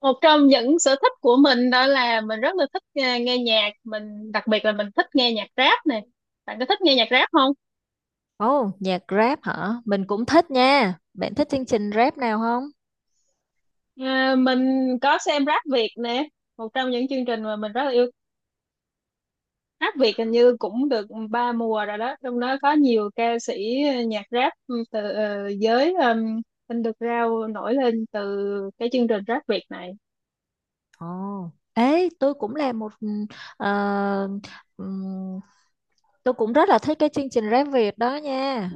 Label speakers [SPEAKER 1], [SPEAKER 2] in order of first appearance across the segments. [SPEAKER 1] Một trong những sở thích của mình đó là mình rất là thích nghe nhạc, mình đặc biệt là mình thích nghe nhạc rap nè. Bạn có thích nghe nhạc rap không?
[SPEAKER 2] Ồ, nhạc rap hả? Mình cũng thích nha. Bạn thích chương trình rap nào không?
[SPEAKER 1] Mình có xem Rap Việt nè, một trong những chương trình mà mình rất là yêu. Rap Việt hình như cũng được ba mùa rồi đó, trong đó có nhiều ca sĩ nhạc rap ừ, từ giới underground nổi lên từ cái chương trình Rap Việt này.
[SPEAKER 2] Ồ, ê, ờ, ừm, tôi cũng rất là thích cái chương trình rap Việt đó nha.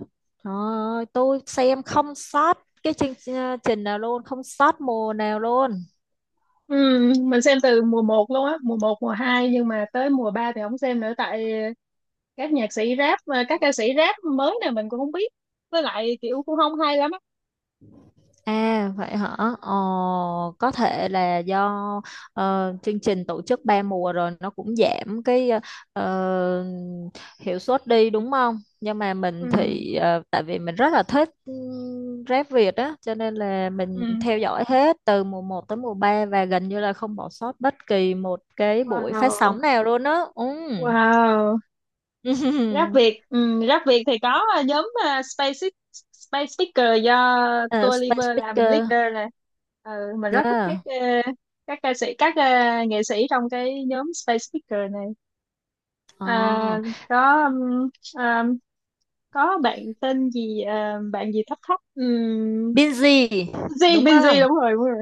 [SPEAKER 2] Trời ơi, tôi xem không sót cái chương trình nào luôn, không sót mùa nào luôn.
[SPEAKER 1] Mình xem từ mùa một luôn á, mùa một, mùa 2 nhưng mà tới mùa 3 thì không xem nữa tại các nhạc sĩ rap và các ca sĩ rap mới này mình cũng không biết, với lại kiểu cũng không hay lắm á.
[SPEAKER 2] À vậy hả? Ờ, có thể là do chương trình tổ chức ba mùa rồi nó cũng giảm cái ờ, hiệu suất đi, đúng không? Nhưng mà mình
[SPEAKER 1] Ừ,
[SPEAKER 2] thì tại vì mình rất là thích rap Việt á, cho nên là
[SPEAKER 1] ừ.
[SPEAKER 2] mình theo dõi hết từ mùa một tới mùa 3 và gần như là không bỏ sót bất kỳ một cái buổi phát
[SPEAKER 1] Wow,
[SPEAKER 2] sóng nào luôn á. Ừ.
[SPEAKER 1] wow. Rap Việt. Ừ, rap Việt thì có, nhóm Space Space Speaker do
[SPEAKER 2] Ờ,
[SPEAKER 1] Tua
[SPEAKER 2] Space
[SPEAKER 1] Liver làm
[SPEAKER 2] Speaker.
[SPEAKER 1] leader nè. Ừ, mình rất thích các
[SPEAKER 2] Yeah.
[SPEAKER 1] ờ, các ca sĩ, nghệ sĩ trong cái nhóm Space Speaker này.
[SPEAKER 2] Ờ.
[SPEAKER 1] à, có um, có bạn tên gì bạn gì thấp thấp.
[SPEAKER 2] Binz
[SPEAKER 1] Benji.
[SPEAKER 2] đúng không?
[SPEAKER 1] Đúng rồi, đúng rồi.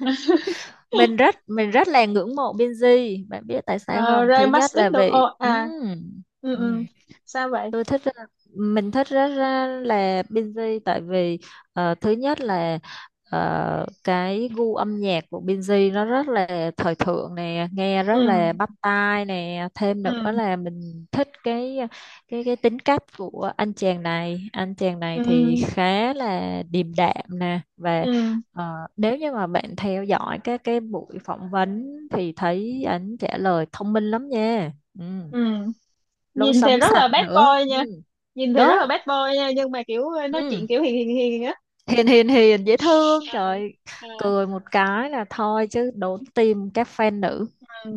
[SPEAKER 2] Mình rất là ngưỡng mộ Binz, bạn biết tại sao
[SPEAKER 1] Ờ,
[SPEAKER 2] không? Thứ
[SPEAKER 1] Ray
[SPEAKER 2] nhất là
[SPEAKER 1] Mastic đâu. Ồ,
[SPEAKER 2] vì
[SPEAKER 1] à, ừ,
[SPEAKER 2] ừm
[SPEAKER 1] ừ. Sao vậy?
[SPEAKER 2] tôi thích ra- mình thích rất ra là Binz. Tại vì thứ nhất là cái gu âm nhạc của Binz nó rất là thời thượng nè, nghe rất
[SPEAKER 1] Ừ,
[SPEAKER 2] là bắt tai nè, thêm
[SPEAKER 1] ừ,
[SPEAKER 2] nữa là mình thích cái tính cách của anh chàng này. Anh chàng này thì
[SPEAKER 1] ừ,
[SPEAKER 2] khá là điềm đạm nè, và
[SPEAKER 1] ừ,
[SPEAKER 2] ờ, nếu như mà bạn theo dõi các cái buổi phỏng vấn thì thấy anh trả lời thông minh lắm nha. Ừ.
[SPEAKER 1] ừ.
[SPEAKER 2] Lối
[SPEAKER 1] Nhìn thì
[SPEAKER 2] sống
[SPEAKER 1] rất là
[SPEAKER 2] sạch
[SPEAKER 1] bad
[SPEAKER 2] nữa.
[SPEAKER 1] boy nha.
[SPEAKER 2] Ừ.
[SPEAKER 1] Nhìn thì rất
[SPEAKER 2] Đúng.
[SPEAKER 1] là bad boy nha nhưng mà kiểu ờ, Nói chuyện
[SPEAKER 2] Ừ.
[SPEAKER 1] kiểu hiền hiền hiền á.
[SPEAKER 2] Hiền hiền hiền dễ thương. Trời,
[SPEAKER 1] Ờ,
[SPEAKER 2] cười một cái là thôi chứ đốn tim các fan nữ.
[SPEAKER 1] ờ,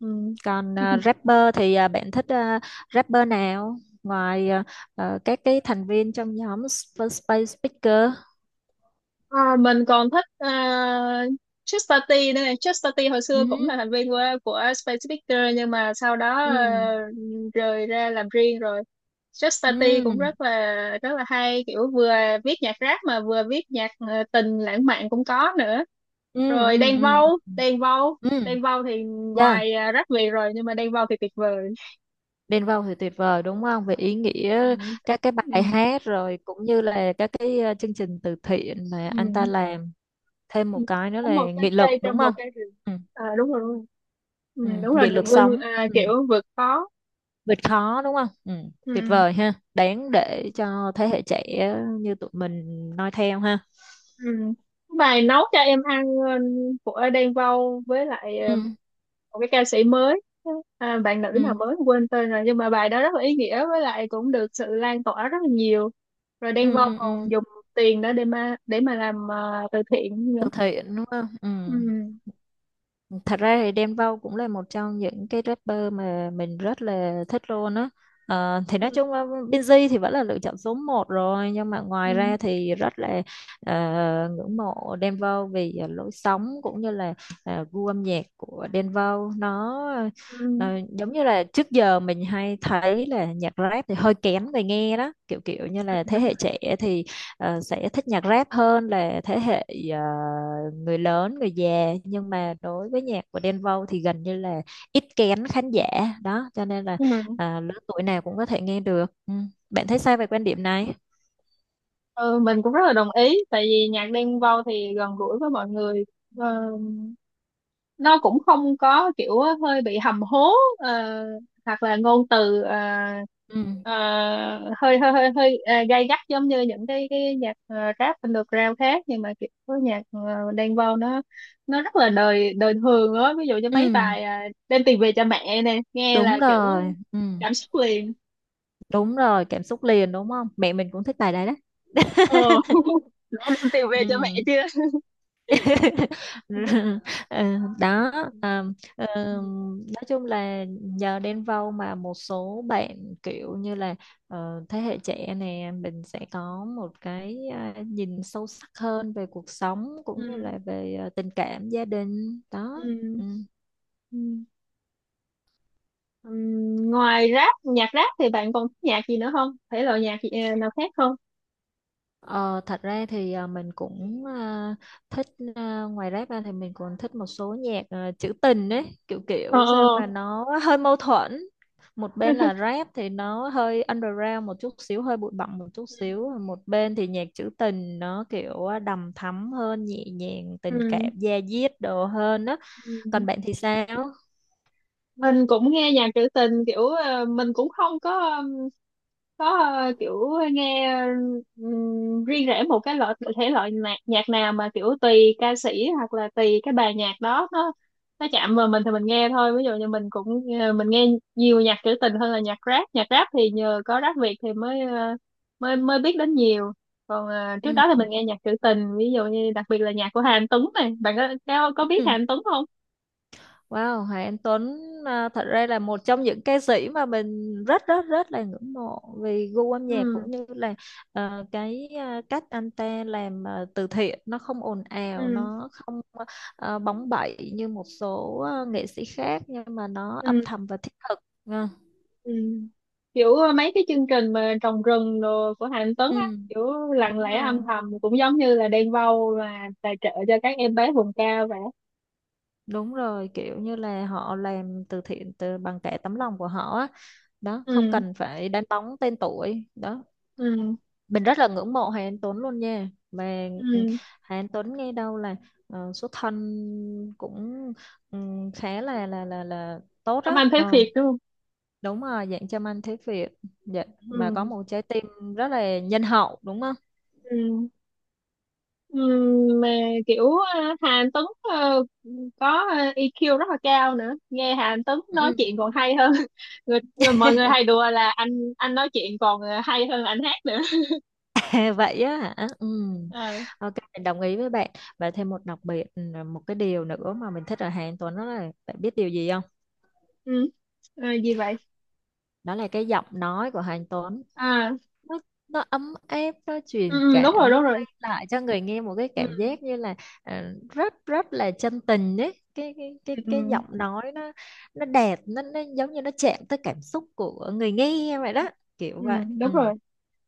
[SPEAKER 1] ừ,
[SPEAKER 2] Còn
[SPEAKER 1] ừ.
[SPEAKER 2] rapper thì bạn thích rapper nào? Ngoài các cái thành viên trong nhóm Space Speaker.
[SPEAKER 1] Ờ, mình còn thích Chester T nữa này. Chester T hồi
[SPEAKER 2] Ừ.
[SPEAKER 1] xưa cũng là thành viên của Space Victor nhưng mà sau đó
[SPEAKER 2] Ừ.
[SPEAKER 1] rời ra làm riêng rồi. Chester T
[SPEAKER 2] Ừ.
[SPEAKER 1] cũng rất là hay, kiểu vừa viết nhạc rap mà vừa viết nhạc tình lãng mạn cũng có nữa.
[SPEAKER 2] Ừ.
[SPEAKER 1] Rồi
[SPEAKER 2] Ừ. Ừ.
[SPEAKER 1] Đen Vâu,
[SPEAKER 2] Ừ, ừ.
[SPEAKER 1] Đen Vâu thì
[SPEAKER 2] Yeah.
[SPEAKER 1] ngoài rap Việt rồi nhưng mà Đen Vâu thì tuyệt vời.
[SPEAKER 2] Bên Vâu thì tuyệt vời đúng không? Về ý
[SPEAKER 1] Ừ.
[SPEAKER 2] nghĩa các cái bài
[SPEAKER 1] Ừ.
[SPEAKER 2] hát, rồi cũng như là các cái chương trình từ thiện mà anh ta
[SPEAKER 1] Ừ.
[SPEAKER 2] làm. Thêm một cái nữa
[SPEAKER 1] Có một
[SPEAKER 2] là
[SPEAKER 1] cái
[SPEAKER 2] nghị lực,
[SPEAKER 1] cây
[SPEAKER 2] đúng
[SPEAKER 1] trong một
[SPEAKER 2] không?
[SPEAKER 1] cái rừng.
[SPEAKER 2] Ừ.
[SPEAKER 1] À, đúng rồi.
[SPEAKER 2] Ừ.
[SPEAKER 1] Ừ, đúng rồi
[SPEAKER 2] Nghị
[SPEAKER 1] được
[SPEAKER 2] lực
[SPEAKER 1] lưng
[SPEAKER 2] sống.
[SPEAKER 1] à,
[SPEAKER 2] Ừ.
[SPEAKER 1] kiểu vượt khó.
[SPEAKER 2] Vượt khó đúng không? Ừ. Tuyệt
[SPEAKER 1] Ừ,
[SPEAKER 2] vời ha, đáng để cho thế hệ trẻ như tụi mình noi theo ha.
[SPEAKER 1] ừ. Bài nấu cho em ăn ừ, của Đen Vâu với lại ừ,
[SPEAKER 2] Ừ.
[SPEAKER 1] một cái ca sĩ mới, bạn nữ nào
[SPEAKER 2] Ừ.
[SPEAKER 1] mới quên tên rồi nhưng mà bài đó rất là ý nghĩa với lại cũng được sự lan tỏa rất là nhiều, rồi
[SPEAKER 2] Ừ.
[SPEAKER 1] Đen Vâu
[SPEAKER 2] Ừ. Ừ.
[SPEAKER 1] còn dùng tiền đó để mà làm từ thiện nữa.
[SPEAKER 2] Thực hiện đúng không? Ừ.
[SPEAKER 1] Ừ.
[SPEAKER 2] Thật ra thì Đen Vâu cũng là một trong những cái rapper mà mình rất là thích luôn á. Thì nói
[SPEAKER 1] Ừ.
[SPEAKER 2] chung là Binz thì vẫn là lựa chọn số một rồi, nhưng mà ngoài
[SPEAKER 1] Ừ.
[SPEAKER 2] ra thì rất là ờ, ngưỡng mộ Đen Vâu vì lối sống cũng như là gu âm nhạc của Đen Vâu nó ờ,
[SPEAKER 1] Ừ.
[SPEAKER 2] giống như là trước giờ mình hay thấy là nhạc rap thì hơi kén người nghe đó, kiểu kiểu như là thế
[SPEAKER 1] Đúng
[SPEAKER 2] hệ
[SPEAKER 1] rồi.
[SPEAKER 2] trẻ thì sẽ thích nhạc rap hơn là thế hệ ờ, người lớn, người già, nhưng mà đối với nhạc của Đen Vâu thì gần như là ít kén khán giả đó, cho nên là
[SPEAKER 1] Ừ.
[SPEAKER 2] lứa tuổi nào cũng có thể nghe được. Ừ. Bạn thấy sao về quan điểm này?
[SPEAKER 1] Ừ, mình cũng rất là đồng ý tại vì nhạc Đen Vâu thì gần gũi với mọi người. Ờ, nó cũng không có kiểu hơi bị hầm hố ờ, hoặc là ngôn từ
[SPEAKER 2] Ừ.
[SPEAKER 1] ờ, hơi hơi hơi hơi gay gắt giống như những cái nhạc rap underground khác nhưng mà kiểu nhạc Đen Vâu nó rất là đời đời thường á, ví dụ như mấy
[SPEAKER 2] Ừ.
[SPEAKER 1] bài đem tiền về cho mẹ nè, nghe
[SPEAKER 2] Đúng
[SPEAKER 1] là kiểu
[SPEAKER 2] rồi. Ừ.
[SPEAKER 1] cảm xúc liền.
[SPEAKER 2] Đúng rồi, cảm xúc liền đúng không, mẹ mình cũng thích bài đấy đó.
[SPEAKER 1] Ờ. Đã đem tiền về cho mẹ
[SPEAKER 2] Ừ.
[SPEAKER 1] chưa?
[SPEAKER 2] Ờ, đó à, ờ,
[SPEAKER 1] Ừ,
[SPEAKER 2] nói chung là nhờ Đen Vâu mà một số bạn kiểu như là thế hệ trẻ này, mình sẽ có một cái nhìn sâu sắc hơn về cuộc sống cũng như
[SPEAKER 1] ừ,
[SPEAKER 2] là về tình cảm gia đình đó.
[SPEAKER 1] ừ,
[SPEAKER 2] Ừ.
[SPEAKER 1] ừ. Ngoài rap, nhạc rap thì bạn còn thích nhạc gì nữa không, thể loại nhạc gì, nào khác không?
[SPEAKER 2] Ờ, thật ra thì mình cũng thích, ngoài rap ra thì mình còn thích một số nhạc trữ tình ấy, kiểu
[SPEAKER 1] Ờ,
[SPEAKER 2] kiểu sao
[SPEAKER 1] ờ.
[SPEAKER 2] mà nó hơi mâu thuẫn, một bên là rap thì nó hơi underground một chút xíu, hơi bụi bặm một chút xíu, một bên thì nhạc trữ tình nó kiểu đầm thắm hơn, nhẹ nhàng tình
[SPEAKER 1] Ừm,
[SPEAKER 2] cảm da diết đồ hơn đó.
[SPEAKER 1] ừm.
[SPEAKER 2] Còn bạn thì sao?
[SPEAKER 1] Mình cũng nghe nhạc trữ tình kiểu ờ, mình cũng không có có kiểu nghe riêng rẽ một cái loại thể loại nhạc, nhạc nào, mà kiểu tùy ca sĩ hoặc là tùy cái bài nhạc đó, nó chạm vào mình thì mình nghe thôi. Ví dụ như mình cũng mình nghe nhiều nhạc trữ tình hơn là nhạc rap. Nhạc rap thì nhờ có rap Việt thì mới ờ, mới mới biết đến nhiều, còn trước đó thì mình nghe nhạc trữ tình, ví dụ như đặc biệt là nhạc của Hà Anh Tuấn này. Bạn có biết Hà
[SPEAKER 2] Ừ.
[SPEAKER 1] Anh Tuấn không?
[SPEAKER 2] Wow, Hoàng Anh Tuấn thật ra là một trong những ca sĩ mà mình rất rất rất là ngưỡng mộ vì gu âm nhạc
[SPEAKER 1] Ừ,
[SPEAKER 2] cũng như là cái cách anh ta làm từ thiện, nó không ồn ào,
[SPEAKER 1] ừ,
[SPEAKER 2] nó không bóng bẩy như một số nghệ sĩ khác, nhưng mà nó âm
[SPEAKER 1] ừ.
[SPEAKER 2] thầm và thiết thực. À,
[SPEAKER 1] Ừ. Kiểu ờ, mấy cái chương trình mà trồng rừng đồ của Hà Anh Tuấn á,
[SPEAKER 2] ừ,
[SPEAKER 1] kiểu lặng
[SPEAKER 2] đúng
[SPEAKER 1] lẽ
[SPEAKER 2] rồi,
[SPEAKER 1] âm thầm, cũng giống như là Đen Vâu mà tài trợ cho các em bé vùng cao vậy.
[SPEAKER 2] đúng rồi, kiểu như là họ làm từ thiện từ bằng cả tấm lòng của họ á. Đó, không
[SPEAKER 1] Ừ,
[SPEAKER 2] cần phải đánh bóng tên tuổi. Đó,
[SPEAKER 1] ừ,
[SPEAKER 2] mình rất là ngưỡng mộ Hà Anh Tuấn luôn nha, mà
[SPEAKER 1] ừ.
[SPEAKER 2] Hà Anh Tuấn nghe đâu là số thân cũng ừ, khá là tốt
[SPEAKER 1] Làm Anh
[SPEAKER 2] đó.
[SPEAKER 1] thấy
[SPEAKER 2] Ờ,
[SPEAKER 1] thiệt đúng không?
[SPEAKER 2] đúng rồi, dạng châm anh thế Việt, dạ. Mà
[SPEAKER 1] Ừ,
[SPEAKER 2] có một trái tim rất là nhân hậu đúng không?
[SPEAKER 1] ừ, ừ. Mà kiểu ờ, Hà Anh Tuấn ờ, có ờ, EQ rất là cao nữa, nghe Hà Anh Tuấn nói
[SPEAKER 2] Ừ.
[SPEAKER 1] chuyện còn hay hơn. Người mọi người hay đùa là anh nói chuyện còn hay hơn anh hát nữa.
[SPEAKER 2] Vậy á hả. Ừ.
[SPEAKER 1] Ờ,
[SPEAKER 2] Ok, mình đồng ý với bạn, và thêm một đặc biệt, một cái điều nữa mà mình thích ở Hà Anh Tuấn đó là bạn biết điều gì không?
[SPEAKER 1] ừ. Ờ, gì vậy?
[SPEAKER 2] Đó là cái giọng nói của Hà Anh Tuấn,
[SPEAKER 1] Ờ.
[SPEAKER 2] nó nó ấm áp, nó truyền
[SPEAKER 1] Ừ, Đúng rồi,
[SPEAKER 2] cảm, nó mang lại cho người nghe một cái
[SPEAKER 1] ừ,
[SPEAKER 2] cảm giác như là rất rất là chân tình đấy, cái cái cái
[SPEAKER 1] ừ, ừ,
[SPEAKER 2] cái giọng nói nó đẹp, nó giống như nó chạm tới cảm xúc của người nghe vậy đó, kiểu
[SPEAKER 1] ừ,
[SPEAKER 2] vậy.
[SPEAKER 1] đúng
[SPEAKER 2] Ừ.
[SPEAKER 1] rồi.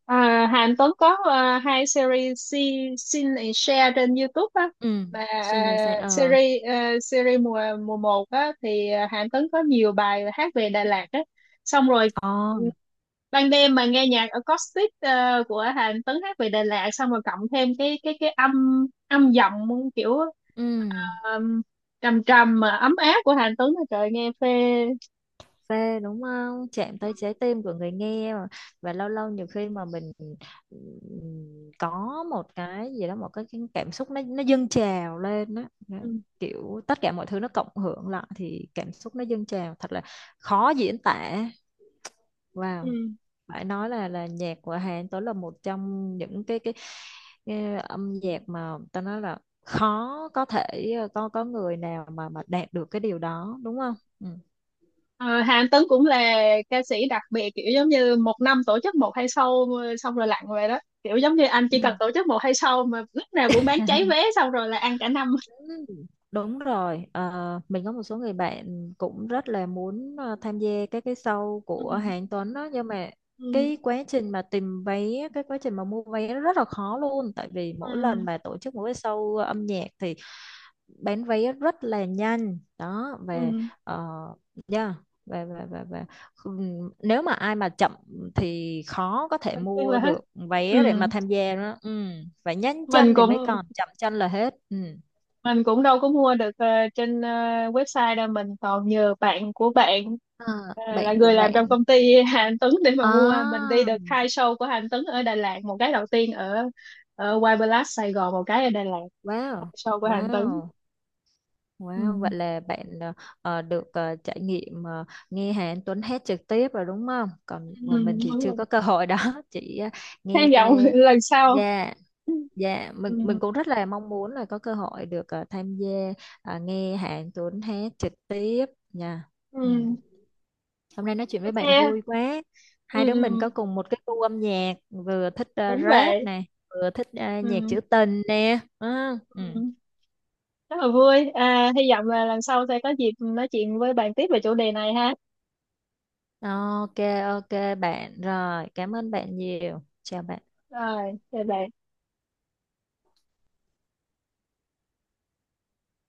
[SPEAKER 1] À, Hàn Tuấn có à, hai series Sin and Share trên YouTube á,
[SPEAKER 2] Ừ.
[SPEAKER 1] mà
[SPEAKER 2] Xuyên đều say. Ờ
[SPEAKER 1] à, series mùa mùa một á thì à, Hàn Tuấn có nhiều bài hát về Đà Lạt á. Xong rồi ừ,
[SPEAKER 2] Ồ,
[SPEAKER 1] ban đêm mà nghe nhạc acoustic à, của Hàn Tuấn hát về Đà Lạt, xong rồi cộng thêm cái âm âm giọng kiểu
[SPEAKER 2] ừ
[SPEAKER 1] um, trầm trầm mà ấm áp của Hàn Tuấn, trời nghe phê.
[SPEAKER 2] phê đúng không, chạm tới trái tim của người nghe mà. Và lâu lâu, nhiều khi mà mình có một cái gì đó, một cái cảm xúc nó dâng trào lên đó. Nó-
[SPEAKER 1] Ừ.
[SPEAKER 2] Kiểu tất cả mọi thứ nó cộng hưởng lại thì cảm xúc nó dâng trào, thật là khó diễn tả. Wow,
[SPEAKER 1] Ừ.
[SPEAKER 2] phải nói là nhạc của Hà Anh Tuấn là một trong những cái âm nhạc mà ta nói là khó, có thể có người nào mà đạt được cái điều đó đúng không? Ừ.
[SPEAKER 1] Ờ, Hà Anh Tuấn cũng là ca sĩ đặc biệt, kiểu giống như một năm tổ chức một hai show xong rồi lặn về đó, kiểu giống như anh chỉ
[SPEAKER 2] Ừ.
[SPEAKER 1] cần tổ chức một hai show mà lúc nào cũng bán cháy vé, xong rồi là ăn cả năm.
[SPEAKER 2] Ừ, đúng rồi, mình có một số người bạn cũng rất là muốn tham gia các cái show
[SPEAKER 1] Ừ,
[SPEAKER 2] của Hà Anh Tuấn đó, nhưng mà
[SPEAKER 1] ừ,
[SPEAKER 2] cái quá trình mà tìm vé, cái quá trình mà mua vé nó rất là khó luôn, tại vì mỗi lần
[SPEAKER 1] ừ,
[SPEAKER 2] mà tổ chức một cái show âm nhạc thì bán vé rất là nhanh đó.
[SPEAKER 1] ừ.
[SPEAKER 2] Về uh, yeah, về về về về nếu mà ai mà chậm thì khó có thể
[SPEAKER 1] Anh biết
[SPEAKER 2] mua
[SPEAKER 1] là hết.
[SPEAKER 2] được
[SPEAKER 1] Ừ,
[SPEAKER 2] vé để mà tham gia đó. Ừ, phải nhanh
[SPEAKER 1] mình
[SPEAKER 2] chân thì
[SPEAKER 1] cũng
[SPEAKER 2] mới còn, chậm chân là hết. Ừ.
[SPEAKER 1] mình cũng đâu có mua được trên website đâu, mình còn nhờ bạn của bạn
[SPEAKER 2] À,
[SPEAKER 1] là
[SPEAKER 2] bạn của
[SPEAKER 1] người làm trong
[SPEAKER 2] bạn.
[SPEAKER 1] công ty Hà Anh Tuấn để mà mua. Mình
[SPEAKER 2] À,
[SPEAKER 1] đi được hai show của Hà Anh Tuấn ở Đà Lạt, một cái đầu tiên ở ở White Palace Sài Gòn, một cái ở Đà Lạt, hai
[SPEAKER 2] wow,
[SPEAKER 1] show của Hà Anh Tuấn.
[SPEAKER 2] wow,
[SPEAKER 1] Ừ.
[SPEAKER 2] wow. Vậy là bạn được trải nghiệm nghe Hà Anh Tuấn hát trực tiếp rồi đúng không? Còn
[SPEAKER 1] Ừ,
[SPEAKER 2] mà mình
[SPEAKER 1] đúng
[SPEAKER 2] thì chưa
[SPEAKER 1] rồi.
[SPEAKER 2] có cơ hội đó, chỉ nghe
[SPEAKER 1] Hy
[SPEAKER 2] qua.
[SPEAKER 1] vọng lần sau.
[SPEAKER 2] Dạ, dạ. Mình
[SPEAKER 1] Ừ.
[SPEAKER 2] mình cũng rất là mong muốn là có cơ hội được tham gia nghe Hà Anh Tuấn hát trực tiếp nha. Ừ.
[SPEAKER 1] Ừ.
[SPEAKER 2] Hôm nay nói chuyện với
[SPEAKER 1] Ok.
[SPEAKER 2] bạn vui quá.
[SPEAKER 1] Ừ,
[SPEAKER 2] Hai đứa mình
[SPEAKER 1] ừ.
[SPEAKER 2] có cùng một cái gu âm nhạc, vừa thích
[SPEAKER 1] Đúng
[SPEAKER 2] rap
[SPEAKER 1] vậy.
[SPEAKER 2] nè, vừa thích nhạc
[SPEAKER 1] Ừ.
[SPEAKER 2] trữ tình nè. Ừ. Ừ.
[SPEAKER 1] Ừ. Rất là vui, à, hy vọng là lần sau sẽ có dịp nói chuyện với bạn tiếp về chủ đề này ha.
[SPEAKER 2] Ok, ok bạn. Rồi, cảm ơn bạn nhiều. Chào bạn.
[SPEAKER 1] Rồi chào bạn.